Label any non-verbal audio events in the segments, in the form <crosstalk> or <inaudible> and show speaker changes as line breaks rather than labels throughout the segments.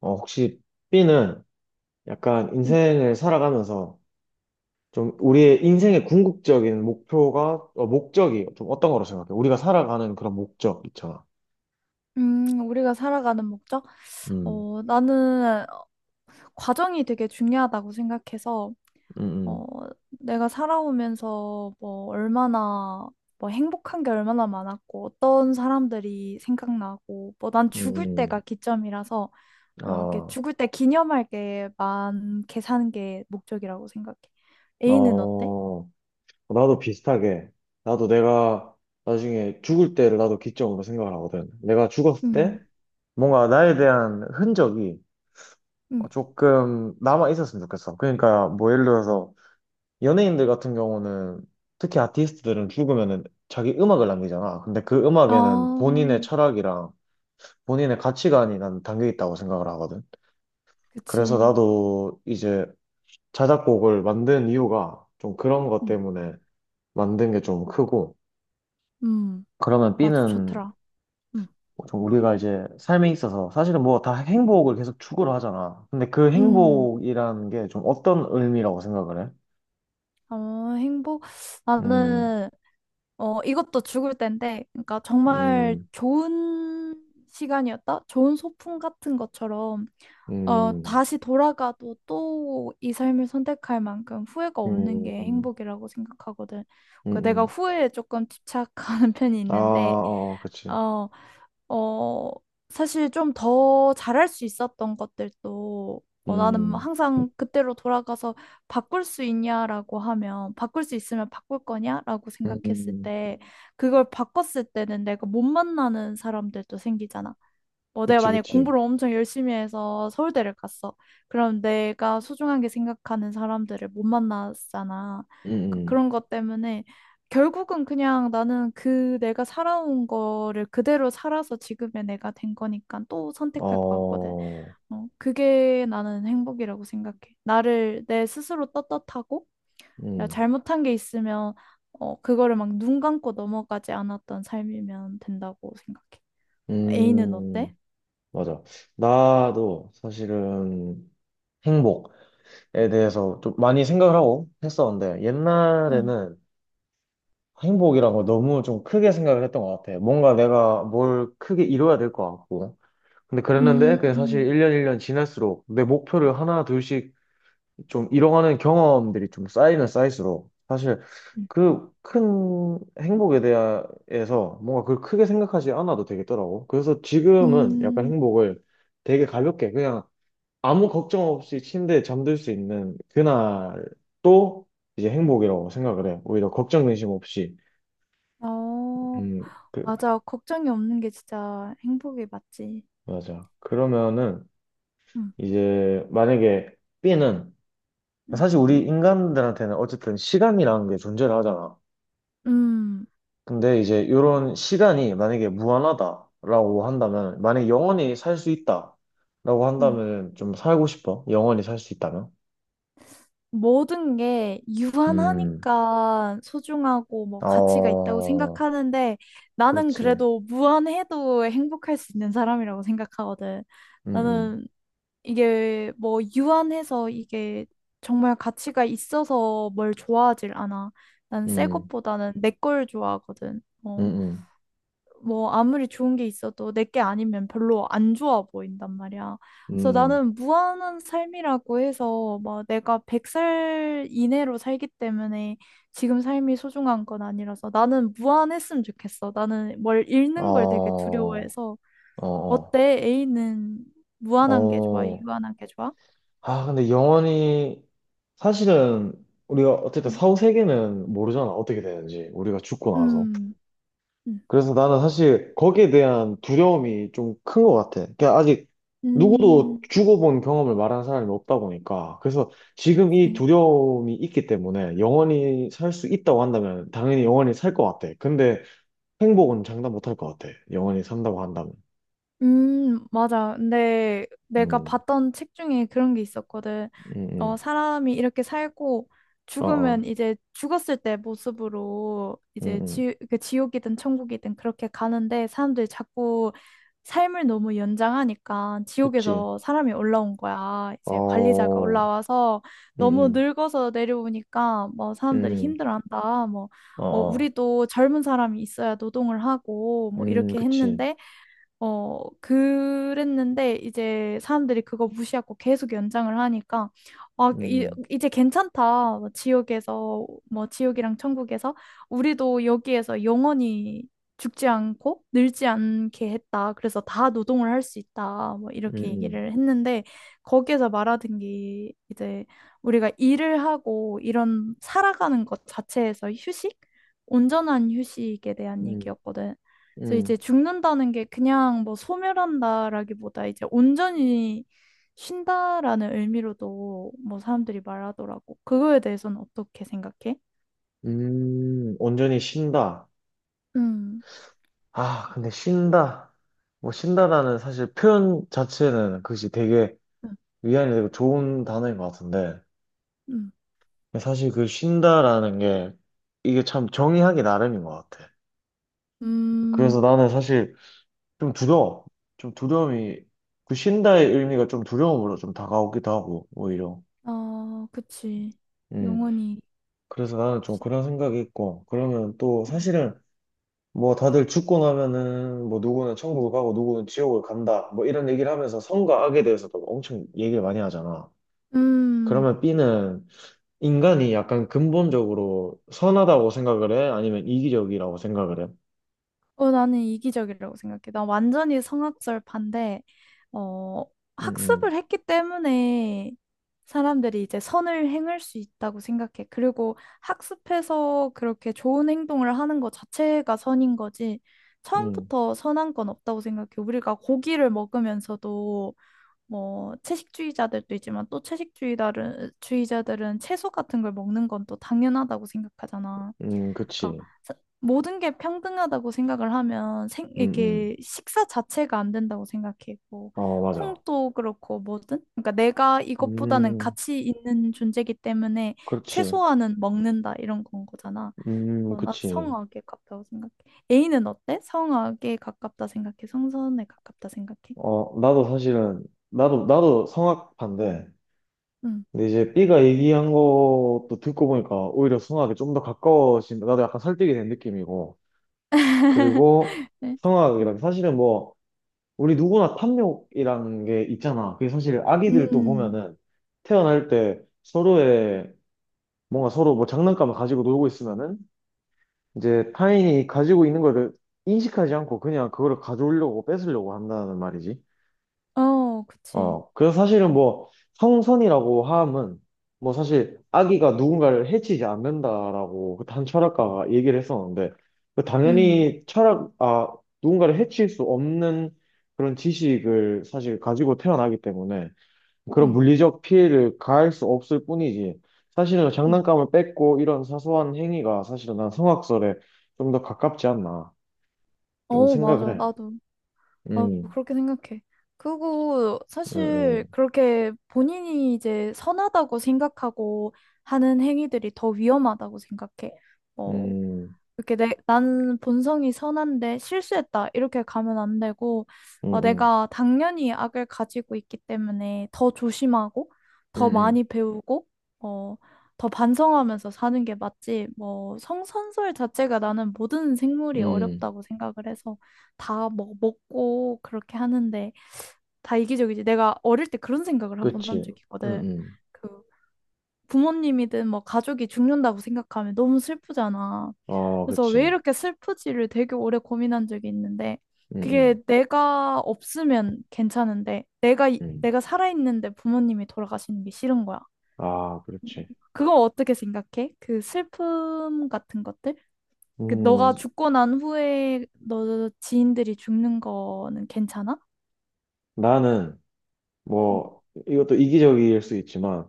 혹시 B는 약간 인생을 살아가면서 좀 우리의 인생의 궁극적인 목표가, 목적이 좀 어떤 거로 생각해? 우리가 살아가는 그런 목적 있잖아.
우리가 살아가는 목적?
음,
나는 과정이 되게 중요하다고 생각해서, 어,
음,
내가 살아오면서 뭐 얼마나, 뭐 행복한 게 얼마나 많았고, 어떤 사람들이 생각나고, 뭐 난
음,
죽을 때가
음.
기점이라서,
음.
뭐 이렇게
아,
죽을 때 기념할 게 많게 사는 게 목적이라고 생각해. A는 어때?
어, 나도 비슷하게. 나도 내가 나중에 죽을 때를 나도 기점으로 생각을 하거든. 내가 죽었을 때
음,
뭔가 나에 대한 흔적이
음.
조금 남아 있었으면 좋겠어. 그러니까 뭐 예를 들어서 연예인들 같은 경우는 특히 아티스트들은 죽으면은 자기 음악을 남기잖아. 근데 그
아,
음악에는 본인의 철학이랑 본인의 가치관이 난 담겨 있다고 생각을 하거든. 그래서
그치.
나도 이제 자작곡을 만든 이유가 좀 그런 것
음,
때문에 만든 게 좀 크고.
음,
그러면
맞아,
B는
좋더라. 음.
좀 우리가 이제 삶에 있어서 사실은 뭐 다 행복을 계속 추구를 하잖아. 근데 그
음.
행복이라는 게 좀 어떤 의미라고 생각을 해?
행복?
음,
나는, 이것도 죽을 때인데, 그러니까 정말
음,
좋은 시간이었다? 좋은 소풍 같은 것처럼,
음,
다시 돌아가도 또 이 삶을 선택할 만큼 후회가 없는 게
음.
행복이라고 생각하거든.
음,
그 내가
음,
후회에 조금 집착하는 <laughs> 편이
아,
있는데,
어, 그치.
어, 어, 사실 좀 더 잘할 수 있었던 것들도 나는
음,
항상 그때로 돌아가서 바꿀 수 있냐라고 하면 바꿀 수 있으면 바꿀 거냐라고
음,
생각했을
음.
때 그걸 바꿨을 때는 내가 못 만나는 사람들도 생기잖아. 뭐 내가
그치,
만약에
그치.
공부를 엄청 열심히 해서 서울대를 갔어. 그럼 내가 소중하게 생각하는 사람들을 못 만났잖아.
음, 음,
그런 것 때문에 결국은 그냥 나는 그 내가 살아온 거를 그대로 살아서 지금의 내가 된 거니까 또 선택할 것 같거든.
어,
그게 나는 행복이라고 생각해. 나를 내 스스로 떳떳하고 내가
음,
잘못한 게 있으면 그거를 막 눈 감고 넘어가지 않았던 삶이면 된다고 생각해. A는 어때?
음, 맞아. 나도 사실은 행복에 대해서 좀 많이 생각을 하고 했었는데, 옛날에는 행복이란 걸 너무 좀 크게 생각을 했던 것 같아. 뭔가 내가 뭘 크게 이뤄야 될 것 같고. 근데 그랬는데, 그게 사실
음,
1년 1년 지날수록 내 목표를 하나, 둘씩 좀이어가는 경험들이 좀 쌓이면 쌓일수록 사실 그 큰 행복에 대해서 뭔가 그걸 크게 생각하지 않아도 되겠더라고. 그래서 지금은 약간
음,
행복을 되게 가볍게 그냥 아무 걱정 없이 침대에 잠들 수 있는 그날도 이제 행복이라고 생각을 해. 오히려 걱정 근심 없이.
어,
음, 그,
맞아. 걱정이 없는 게 진짜 행복이 맞지.
맞아. 그러면은
음,
이제 만약에 B는
음,
사실 우리 인간들한테는 어쨌든 시간이라는 게 존재를 하잖아.
음,
근데 이제 이런 시간이 만약에 무한하다라고 한다면, 만약에 영원히 살 수 있다라고
음.
한다면 좀 살고 싶어? 영원히 살 수 있다면?
모든 게
음,
유한하니까 소중하고 뭐 가치가 있다고
어,
생각하는데 나는
그렇지.
그래도 무한해도 행복할 수 있는 사람이라고 생각하거든.
음, 음,
나는 이게 뭐 유한해서 이게 정말 가치가 있어서 뭘 좋아하질 않아. 난 새
음,
것보다는 내 걸 좋아하거든.
음,
뭐 아무리 좋은 게 있어도 내 게 아니면 별로 안 좋아 보인단 말이야.
음,
그래서
음.
나는 무한한 삶이라고 해서 막 내가 100살 이내로 살기 때문에 지금 삶이 소중한 건 아니라서 나는 무한했으면 좋겠어. 나는 뭘
어,
잃는 걸 되게
어,
두려워해서
어,
어때? A는 무한한 게 좋아?
어.
유한한 게 좋아?
아, 근데 영원히, 사실은 우리가 어쨌든
음.
사후 세계는 모르잖아. 어떻게 되는지. 우리가 죽고 나서.
음. 음.
그래서 나는 사실 거기에 대한 두려움이 좀 큰 것 같아. 그러니까 아직 누구도
음.
죽어본 경험을 말하는 사람이 없다 보니까. 그래서 지금 이
그치.
두려움이 있기 때문에 영원히 살 수 있다고 한다면 당연히 영원히 살 것 같아. 근데 행복은 장담 못할 것 같아. 영원히 산다고 한다면.
맞아. 근데 내가
음,
봤던 책 중에 그런 게 있었거든.
음, 음.
사람이 이렇게 살고
어,
죽으면
어,
이제 죽었을 때 모습으로
음,
이제
음.
그 지옥이든 천국이든 그렇게 가는데 사람들이 자꾸 삶을 너무 연장하니까
그치.
지옥에서 사람이 올라온 거야. 이제 관리자가
어,
올라와서
음,
너무
음,
늙어서 내려오니까 뭐 사람들이
음.
힘들어한다. 뭐,
어, 어.
우리도 젊은 사람이 있어야 노동을 하고 뭐 이렇게
그치.
했는데 그랬는데 이제 사람들이 그거 무시하고 계속 연장을 하니까 아,
음,
이제 괜찮다. 뭐 지옥에서 뭐 지옥이랑 천국에서 우리도 여기에서 영원히 죽지 않고 늙지 않게 했다. 그래서 다 노동을 할 수 있다. 뭐
음,
이렇게
음,
얘기를 했는데 거기에서 말하던 게 이제 우리가 일을 하고 이런 살아가는 것 자체에서 휴식? 온전한 휴식에 대한
음,
얘기였거든. 그래서 이제
음.
죽는다는 게 그냥 뭐 소멸한다라기보다 이제 온전히 쉰다라는 의미로도 뭐 사람들이 말하더라고. 그거에 대해서는 어떻게 생각해?
온전히 쉰다.
음,
아, 근데 쉰다. 뭐, 쉰다라는 사실 표현 자체는 그것이 되게
음,
위안이 되고 좋은 단어인 것 같은데,
음,
사실 그 쉰다라는 게 이게 참 정의하기 나름인 것 같아.
음,
그래서 나는 사실 좀 두려워. 좀 두려움이, 그 쉰다의 의미가 좀 두려움으로 좀 다가오기도 하고, 오히려.
그치.
음,
영원히
그래서 나는 좀
쉰다.
그런 생각이 있고, 그러면 또
음,
사실은 뭐 다들 죽고 나면은 뭐 누구는 천국을 가고 누구는 지옥을 간다 뭐 이런 얘기를 하면서 선과 악에 대해서도 엄청 얘기를 많이 하잖아.
음.
그러면 B는 인간이 약간 근본적으로 선하다고 생각을 해? 아니면 이기적이라고 생각을 해?
나는 이기적이라고 생각해. 난 완전히 성악설 반대, 어,
음,
학습을
음,
했기 때문에 사람들이 이제 선을 행할 수 있다고 생각해. 그리고 학습해서 그렇게 좋은 행동을 하는 것 자체가 선인 거지.
음,
처음부터 선한 건 없다고 생각해. 우리가 고기를 먹으면서도 뭐 채식주의자들도 있지만 또 채식주의자들은 주의자들은 채소 같은 걸 먹는 건 또 당연하다고 생각하잖아.
그치.
그러니까 모든 게 평등하다고 생각을 하면
음, 음.
이게 식사 자체가 안 된다고 생각해. 뭐
어, 맞아.
콩도 그렇고 뭐든. 그러니까 내가 이것보다는
음,
가치 있는 존재이기 때문에
그렇지.
최소한은 먹는다 이런 건 거잖아. 난
그치.
성악에 가깝다고 생각해. A는 어때? 성악에 가깝다 생각해? 성선에 가깝다 생각해?
어, 나도 사실은, 나도 성악파인데,
응.
근데 이제 B가 얘기한 것도 듣고 보니까 오히려 성악에 좀 더 가까워진다. 나도 약간 설득이 된 느낌이고. 그리고
<laughs> 네. 음,
성악이란 사실은 뭐 우리 누구나 탐욕이란 게 있잖아. 그게 사실 아기들도
음,
보면은 태어날 때 서로의 뭔가 서로 뭐 장난감을 가지고 놀고 있으면은 이제 타인이 가지고 있는 거를 인식하지 않고 그냥 그거를 가져오려고 뺏으려고 한다는 말이지.
그치.
어, 그래서 사실은 뭐 성선이라고 함은 뭐 사실 아기가 누군가를 해치지 않는다라고 그한 철학가가 얘기를 했었는데 그
음,
당연히 철학, 아, 누군가를 해칠 수 없는 그런 지식을 사실 가지고 태어나기 때문에 그런
음,
물리적 피해를 가할 수 없을 뿐이지 사실은
음.
장난감을 뺏고 이런 사소한 행위가 사실은 난 성악설에 좀 더 가깝지 않나 좀 생각을
맞아.
해.
나도.
음,
그렇게 생각해. 그리고 사실
음,
그렇게 본인이 이제 선하다고 생각하고 하는 행위들이 더 위험하다고 생각해.
음,
어,
음,
이렇게 나는 본성이 선한데 실수했다. 이렇게 가면 안 되고,
음, 음, 음.
내가 당연히 악을 가지고 있기 때문에 더 조심하고,
음,
더
음.
많이 배우고, 어, 더 반성하면서 사는 게 맞지. 뭐, 성선설 자체가 나는 모든 생물이
음,
어렵다고 생각을 해서 다 뭐, 먹고 그렇게 하는데 다 이기적이지. 내가 어릴 때 그런 생각을 한 번 한
그치.
적이
음,
있거든.
음.
그 부모님이든 뭐 가족이 죽는다고 생각하면 너무 슬프잖아.
어,
그래서 왜
그치.
이렇게 슬프지를 되게 오래 고민한 적이 있는데
음,
그게
음,
내가 없으면 괜찮은데 내가
음.
내가 살아있는데 부모님이 돌아가시는 게 싫은 거야.
아, 그렇지.
그거 어떻게 생각해? 그 슬픔 같은 것들? 그
음,
너가 죽고 난 후에 너 지인들이 죽는 거는 괜찮아?
나는,
음,
뭐, 이것도 이기적일 수 있지만,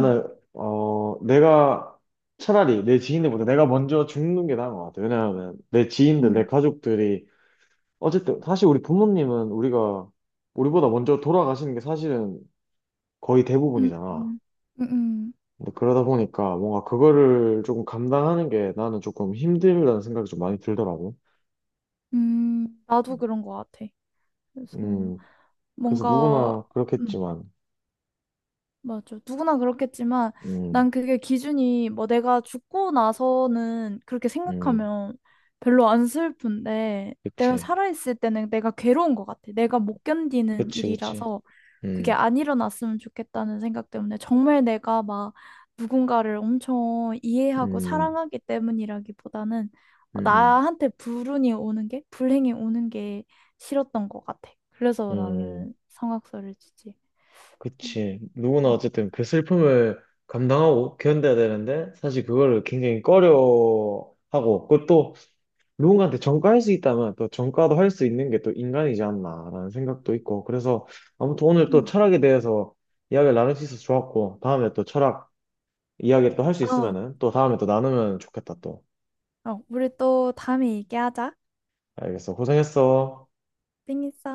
음,
내가 차라리 내 지인들보다 내가 먼저 죽는 게 나은 것 같아. 왜냐하면, 내 지인들, 내
음,
가족들이, 어쨌든, 사실 우리 부모님은 우리가, 우리보다 먼저 돌아가시는 게 사실은 거의
음, 음,
대부분이잖아.
음,
근데 그러다 보니까 뭔가 그거를 조금 감당하는 게 나는 조금 힘들다는 생각이 좀 많이 들더라고.
나도 그런 거 같아. 그래서
음, 그래서
뭔가
누구나
음.
그렇겠지만,
맞아. 누구나 그렇겠지만
음,
난 그게 기준이 뭐 내가 죽고 나서는 그렇게
음,
생각하면 별로 안 슬픈데 내가
그치,
살아있을 때는 내가 괴로운 것 같아. 내가 못 견디는
그치, 그치,
일이라서 그게
음,
안 일어났으면 좋겠다는 생각 때문에 정말 내가 막 누군가를 엄청 이해하고
음,
사랑하기 때문이라기보다는
음,
나한테 불운이 오는 게, 불행이 오는 게 싫었던 것 같아.
음,
그래서
음,
나는 성악설을 치지.
그치. 누구나 어쨌든 그 슬픔을 감당하고 견뎌야 되는데, 사실 그거를 굉장히 꺼려하고, 그것도 누군가한테 전가할 수 있다면 또 전가도 할 수 있는 게 또 인간이지 않나라는 생각도 있고, 그래서 아무튼 오늘 또
음.
철학에 대해서 이야기를 나눌 수 있어서 좋았고, 다음에 또 철학 이야기를 또 할 수
아,
있으면은, 또 다음에 또 나누면 좋겠다, 또.
우리 또 다음에 얘기하자.
알겠어. 고생했어.
땡있어.